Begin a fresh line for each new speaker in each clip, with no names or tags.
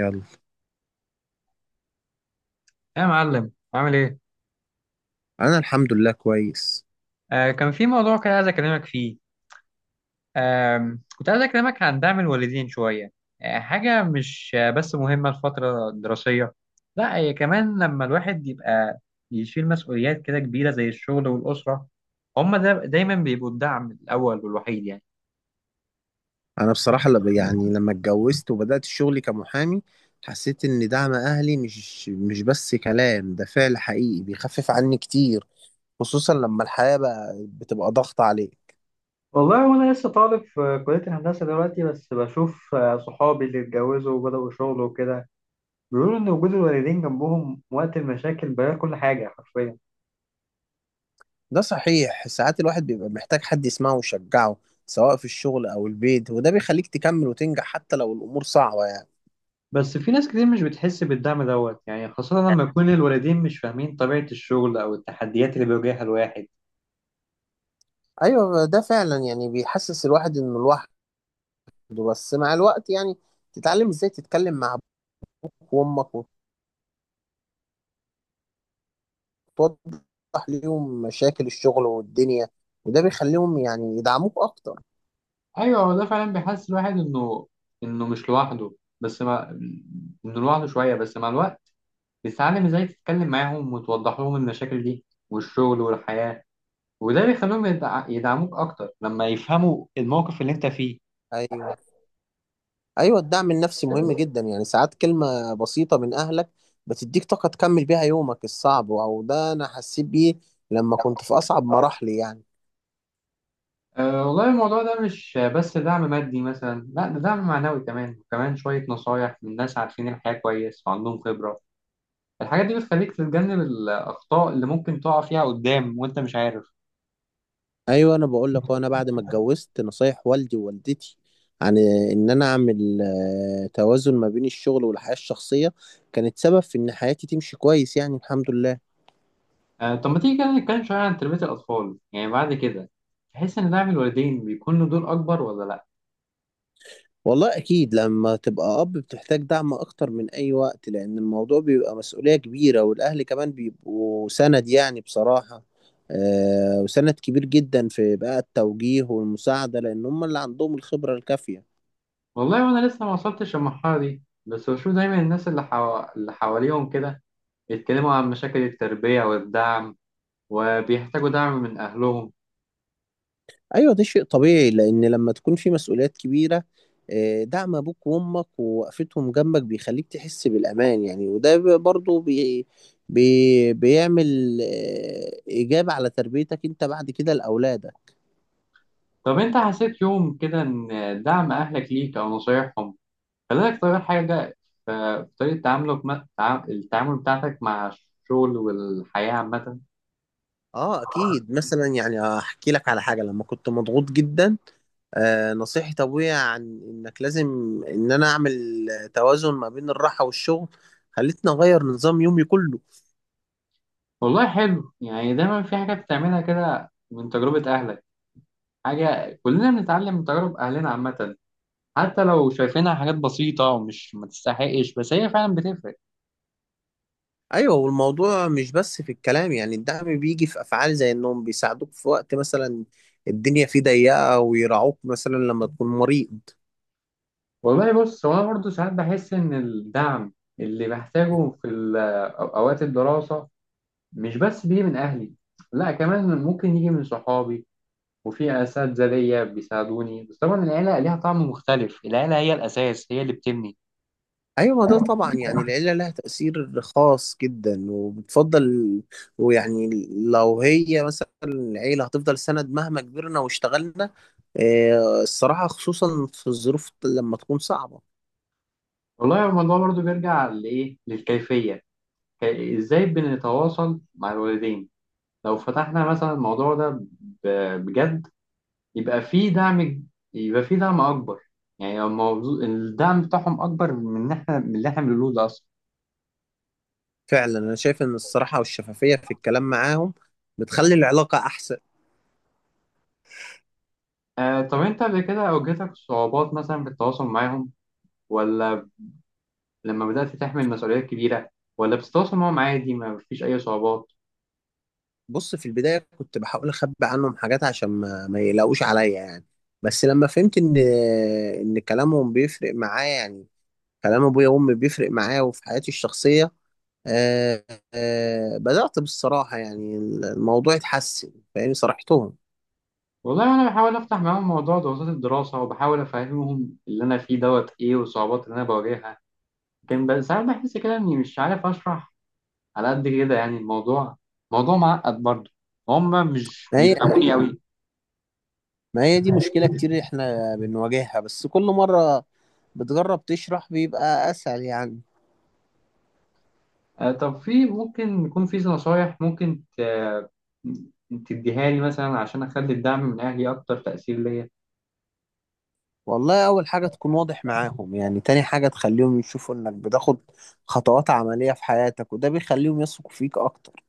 يلا.
يا معلم عامل ايه؟
انا الحمد لله كويس.
كان في موضوع كده عايز اكلمك فيه. كنت عايز اكلمك عن دعم الوالدين شوية. حاجة مش بس مهمة الفترة الدراسية. لا، هي كمان لما الواحد يبقى يشيل مسؤوليات كده كبيرة زي الشغل والأسرة، هما دا دايما بيبقوا الدعم الأول والوحيد يعني.
انا بصراحه لما اتجوزت وبدات شغلي كمحامي حسيت ان دعم اهلي مش بس كلام، ده فعل حقيقي بيخفف عني كتير، خصوصا لما الحياه بقى بتبقى ضغط عليه.
والله وانا لسه طالب في كلية الهندسة دلوقتي، بس بشوف صحابي اللي اتجوزوا وبدأوا شغل وكده بيقولوا ان وجود الوالدين جنبهم وقت المشاكل بيغير كل حاجة حرفيا.
ده صحيح، ساعات الواحد بيبقى محتاج حد يسمعه ويشجعه سواء في الشغل او البيت، وده بيخليك تكمل وتنجح حتى لو الامور صعبه يعني.
بس في ناس كتير مش بتحس بالدعم دوت يعني، خاصة لما يكون الوالدين مش فاهمين طبيعة الشغل أو التحديات اللي بيواجهها الواحد.
ايوه ده فعلا يعني بيحسس الواحد انه لوحده، بس مع الوقت يعني تتعلم ازاي تتكلم مع ابوك وامك، توضح ليهم مشاكل الشغل والدنيا، وده بيخليهم يعني يدعموك اكتر.
ايوه، هو ده فعلا بيحس الواحد انه مش لوحده. بس مع انه لوحده شويه، بس مع الوقت بتتعلم ازاي تتكلم معاهم وتوضح لهم المشاكل دي والشغل والحياه، وده بيخليهم يدعموك اكتر لما يفهموا الموقف اللي انت فيه.
ايوه، ايوه، الدعم النفسي مهم جدا، يعني ساعات كلمة بسيطة من اهلك بتديك طاقة تكمل بيها يومك الصعب، او ده انا حسيت بيه لما كنت في اصعب مراحلي يعني.
والله الموضوع ده مش بس دعم مادي مثلا، لا ده دعم معنوي كمان، وكمان شويه نصايح من ناس عارفين الحياه كويس وعندهم خبره. الحاجات دي بتخليك تتجنب الأخطاء اللي ممكن تقع فيها قدام وأنت مش عارف.
ايوه انا بقول لك، وانا بعد ما اتجوزت نصايح والدي ووالدتي عن ان انا اعمل توازن ما بين الشغل والحياة الشخصية كانت سبب في ان حياتي تمشي كويس، يعني الحمد لله.
طب ما تيجي كده نتكلم شوية عن تربية الأطفال، يعني بعد كده تحس إن دعم الوالدين بيكون له دور أكبر ولا لأ؟
والله أكيد لما تبقى أب بتحتاج دعم أكتر من أي وقت، لأن الموضوع بيبقى مسؤولية كبيرة، والأهل كمان بيبقوا سند يعني بصراحة. آه وسند كبير جدا في بقى التوجيه والمساعدة، لأن هم اللي عندهم الخبرة الكافية.
والله وأنا لسه ما وصلتش للمرحلة دي، بس بشوف دايما الناس اللي حواليهم كده يتكلموا عن مشاكل التربية والدعم وبيحتاجوا دعم من أهلهم.
أيوة ده شيء طبيعي، لأن لما تكون في مسؤوليات كبيرة آه دعم أبوك وأمك ووقفتهم جنبك بيخليك تحس بالأمان يعني، وده بي- برضه بي بي بيعمل آه إيجاب على تربيتك أنت بعد كده لأولادك.
طب أنت حسيت يوم كده إن دعم أهلك ليك أو نصايحهم، خلي بالك طبعا، حاجة في طريقة تعاملك، التعامل بتاعتك مع الشغل والحياة عامة.
اه اكيد، مثلا يعني احكي لك على حاجه: لما كنت مضغوط جدا آه نصيحة ابويا عن انك لازم ان انا اعمل توازن ما بين الراحه والشغل خلتني اغير نظام يومي كله.
والله حلو، يعني دايما في حاجة بتعملها كده من تجربة أهلك. حاجة كلنا بنتعلم من تجارب أهلنا عامة، حتى لو شايفينها حاجات بسيطة ومش ما تستحقش، بس هي فعلا بتفرق.
ايوه، والموضوع مش بس في الكلام، يعني الدعم بيجي في افعال زي انهم بيساعدوك في وقت مثلا الدنيا فيه ضيقه، ويراعوك مثلا لما تكون مريض.
والله بص، هو أنا برضه ساعات بحس إن الدعم اللي بحتاجه في أوقات الدراسة مش بس بيجي من أهلي، لا كمان ممكن يجي من صحابي وفي أساتذة ليا بيساعدوني، بس طبعا العيلة ليها طعم مختلف، العيلة هي الأساس، هي اللي بتبني.
ايوه، ما ده طبعا يعني العيله لها تاثير خاص جدا وبتفضل، ويعني لو هي مثلا العيله هتفضل سند مهما كبرنا واشتغلنا. الصراحه خصوصا في الظروف لما تكون صعبه.
والله الموضوع برضو بيرجع لإيه، للكيفية، إزاي بنتواصل مع الوالدين. لو فتحنا مثلا الموضوع ده بجد، يبقى في دعم، يبقى في دعم أكبر. يعني الموضوع الدعم بتاعهم أكبر من إن إحنا من اللي إحنا بنقوله ده أصلا.
فعلا انا شايف ان الصراحه والشفافيه في الكلام معاهم بتخلي العلاقه احسن.
طب أنت قبل كده واجهتك صعوبات مثلا في التواصل معاهم؟ ولا لما بدأت تحمل مسؤوليات كبيرة، ولا بتتواصل معاهم عادي ما فيش أي صعوبات؟
بص، في البدايه كنت بحاول اخبي عنهم حاجات عشان ما يلاقوش عليا يعني، بس لما فهمت ان ان كلامهم بيفرق معايا يعني، كلام ابويا وامي بيفرق معايا وفي حياتي الشخصيه، آه آه بدأت بالصراحة يعني الموضوع اتحسن، فاهمني صرحتهم.
والله انا بحاول افتح معاهم موضوع ضغوطات الدراسه وبحاول افهمهم اللي انا فيه دوت ايه والصعوبات اللي انا بواجهها، لكن بس ساعات بحس كده اني مش عارف اشرح على قد كده، يعني الموضوع موضوع معقد برضه، هم مش
ما هي
بيفهموني قوي.
ما هي دي مشكلة كتير احنا بنواجهها، بس كل مرة بتجرب تشرح بيبقى أسهل يعني.
طب في، ممكن يكون في نصايح ممكن تديها لي مثلا عشان اخلي الدعم من اهلي اكتر تاثير ليا؟
والله أول حاجة تكون واضح معاهم يعني، تاني حاجة تخليهم يشوفوا إنك بتاخد خطوات عملية في حياتك، وده بيخليهم يثقوا فيك أكتر.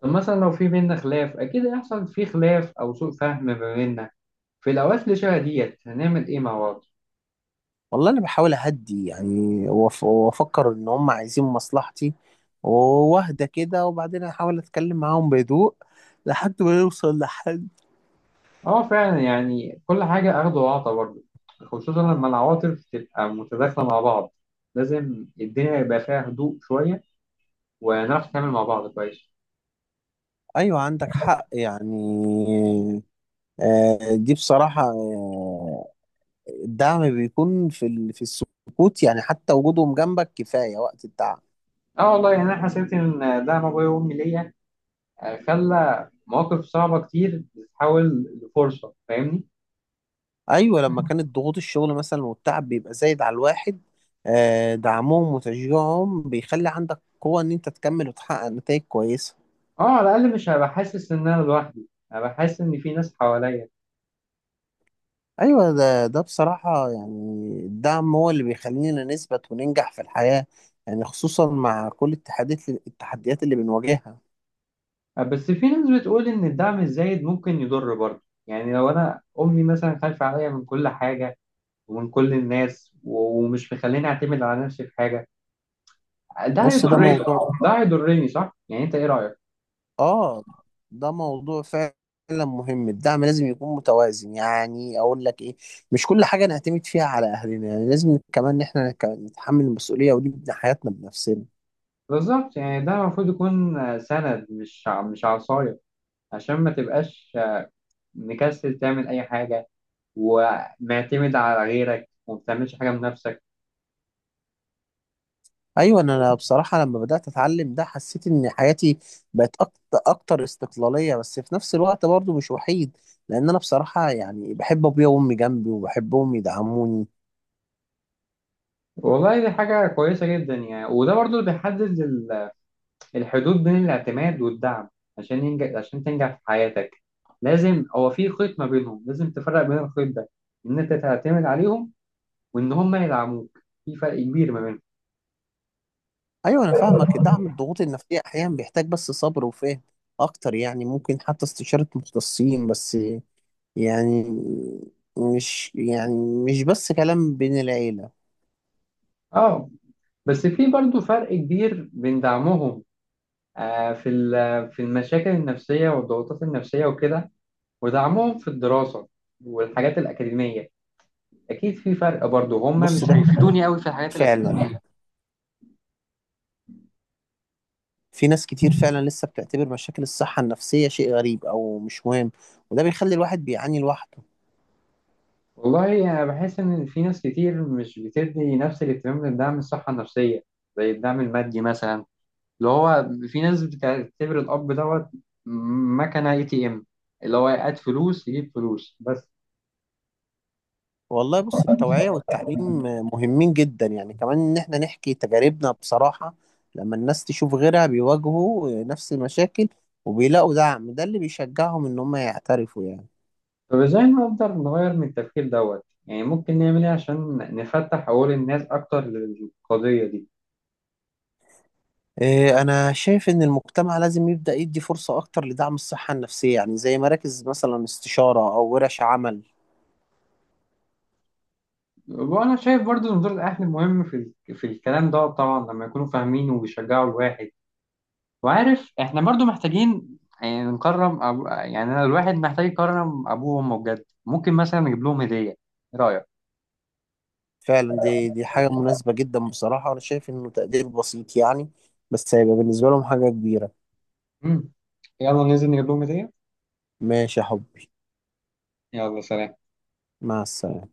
طب مثلا لو في بينا خلاف، اكيد هيحصل في خلاف او سوء فهم ما بيننا، في الاوقات اللي شبه ديت هنعمل ايه مع بعض؟
والله انا بحاول اهدي يعني، وافكر ان هم عايزين مصلحتي، واهدى كده وبعدين احاول اتكلم معاهم بهدوء لحد ما نوصل لحل.
اه فعلا، يعني كل حاجة أخد وعطا برضه، خصوصا لما العواطف تبقى متداخلة مع بعض، لازم الدنيا يبقى فيها هدوء شوية، ونعرف نتعامل مع بعض كويس.
ايوه عندك حق يعني. دي بصراحة، آه، الدعم بيكون في في السكوت يعني، حتى وجودهم جنبك كفاية وقت التعب.
اه والله، يعني أنا حسيت إن دعم أبويا وأمي ليا خلى مواقف صعبة كتير تتحول لفرصة، فاهمني؟
ايوه لما كانت ضغوط الشغل مثلا والتعب بيبقى زايد على الواحد، دعمهم وتشجيعهم بيخلي عندك قوة ان انت تكمل وتحقق نتائج كويسة.
اه، على الأقل مش هبقى حاسس إن أنا لوحدي، هبقى حاسس إن في ناس حواليا.
ايوه، ده بصراحه يعني الدعم هو اللي بيخلينا نثبت وننجح في الحياه يعني، خصوصا مع كل التحديات اللي بنواجهها.
بس في ناس بتقول إن الدعم الزايد ممكن يضر برضه، يعني لو أنا أمي مثلا خايفة عليا من كل حاجة ومن كل الناس ومش مخليني اعتمد على نفسي في حاجه، ده
بص ده
هيضرني.
موضوع،
ده هيضرني صح، يعني انت ايه رايك؟
اه ده موضوع فعلا مهم. الدعم لازم يكون متوازن يعني، اقول لك ايه، مش كل حاجه نعتمد فيها على اهلنا يعني، لازم كمان ان احنا نتحمل المسؤوليه ونبني حياتنا بنفسنا.
بالظبط، يعني ده المفروض يكون سند، مش عصايه، عشان ما تبقاش مكسل تعمل اي حاجه ومعتمد على غيرك وما بتعملش حاجه من نفسك.
ايوه، انا بصراحه لما بدات اتعلم ده حسيت ان حياتي بقت أكت- اكتر استقلاليه، بس في نفس الوقت برضو مش وحيد، لان انا بصراحه يعني بحب ابويا وامي جنبي وبحبهم يدعموني.
والله دي حاجه كويسه جدا، يعني وده برضو اللي بيحدد الحدود بين الاعتماد والدعم. عشان ينجح، عشان تنجح في حياتك لازم، هو في خيط ما بينهم، لازم تفرق بين الخيط ده، ان انت تعتمد عليهم وان هم يدعموك، في فرق كبير ما بينهم.
ايوه انا فاهمك، دعم الضغوط النفسيه احيانا بيحتاج بس صبر وفهم اكتر يعني، ممكن حتى استشاره مختصين، بس يعني يعني مش بس كلام بين العيله.
اه، بس في برضو فرق كبير بين دعمهم في في المشاكل النفسية والضغوطات النفسية وكده، ودعمهم في الدراسة والحاجات الأكاديمية، أكيد في فرق برضو. هم مش
بص ده
بيفيدوني أوي في الحاجات
فعلا
الأكاديمية.
في ناس كتير فعلا لسه بتعتبر مشاكل الصحة النفسية شيء غريب أو مش مهم، وده بيخلي الواحد بيعاني لوحده.
والله أنا بحس إن في ناس كتير مش بتدي نفس الاهتمام للدعم الصحة النفسية زي الدعم المادي مثلا، اللي هو في ناس بتعتبر الأب دوت مكنة ATM، اللي هو يقعد فلوس يجيب فلوس بس.
والله بص، التوعية والتعليم مهمين جدا يعني، كمان إن إحنا نحكي تجاربنا بصراحة. لما الناس تشوف غيرها بيواجهوا نفس المشاكل وبيلاقوا دعم، ده اللي بيشجعهم إن هم يعترفوا يعني.
طب ازاي نقدر نغير من التفكير دوت، يعني ممكن نعمل ايه عشان نفتح عقول الناس اكتر للقضية دي؟
إيه، أنا شايف إن المجتمع لازم يبدأ يدي فرصة أكتر لدعم الصحة النفسية، يعني زي مراكز مثلا استشارة أو ورش عمل.
وانا شايف برضو ان دور الاهل مهم في في الكلام دوت، طبعا لما يكونوا فاهمين وبيشجعوا الواحد. وعارف احنا برضو محتاجين يعني يعني أنا الواحد محتاج يكرم ابوه وامه بجد، ممكن مثلا نجيب لهم هدية، ايه رأيك؟
فعلا، دي حاجة مناسبة جدا، بصراحة أنا شايف إنه تقدير بسيط يعني، بس هيبقى بالنسبة لهم حاجة كبيرة.
مم. يلا ننزل نجيب لهم هدية.
ماشي يا حبي.
يلا سلام.
مع السلامة.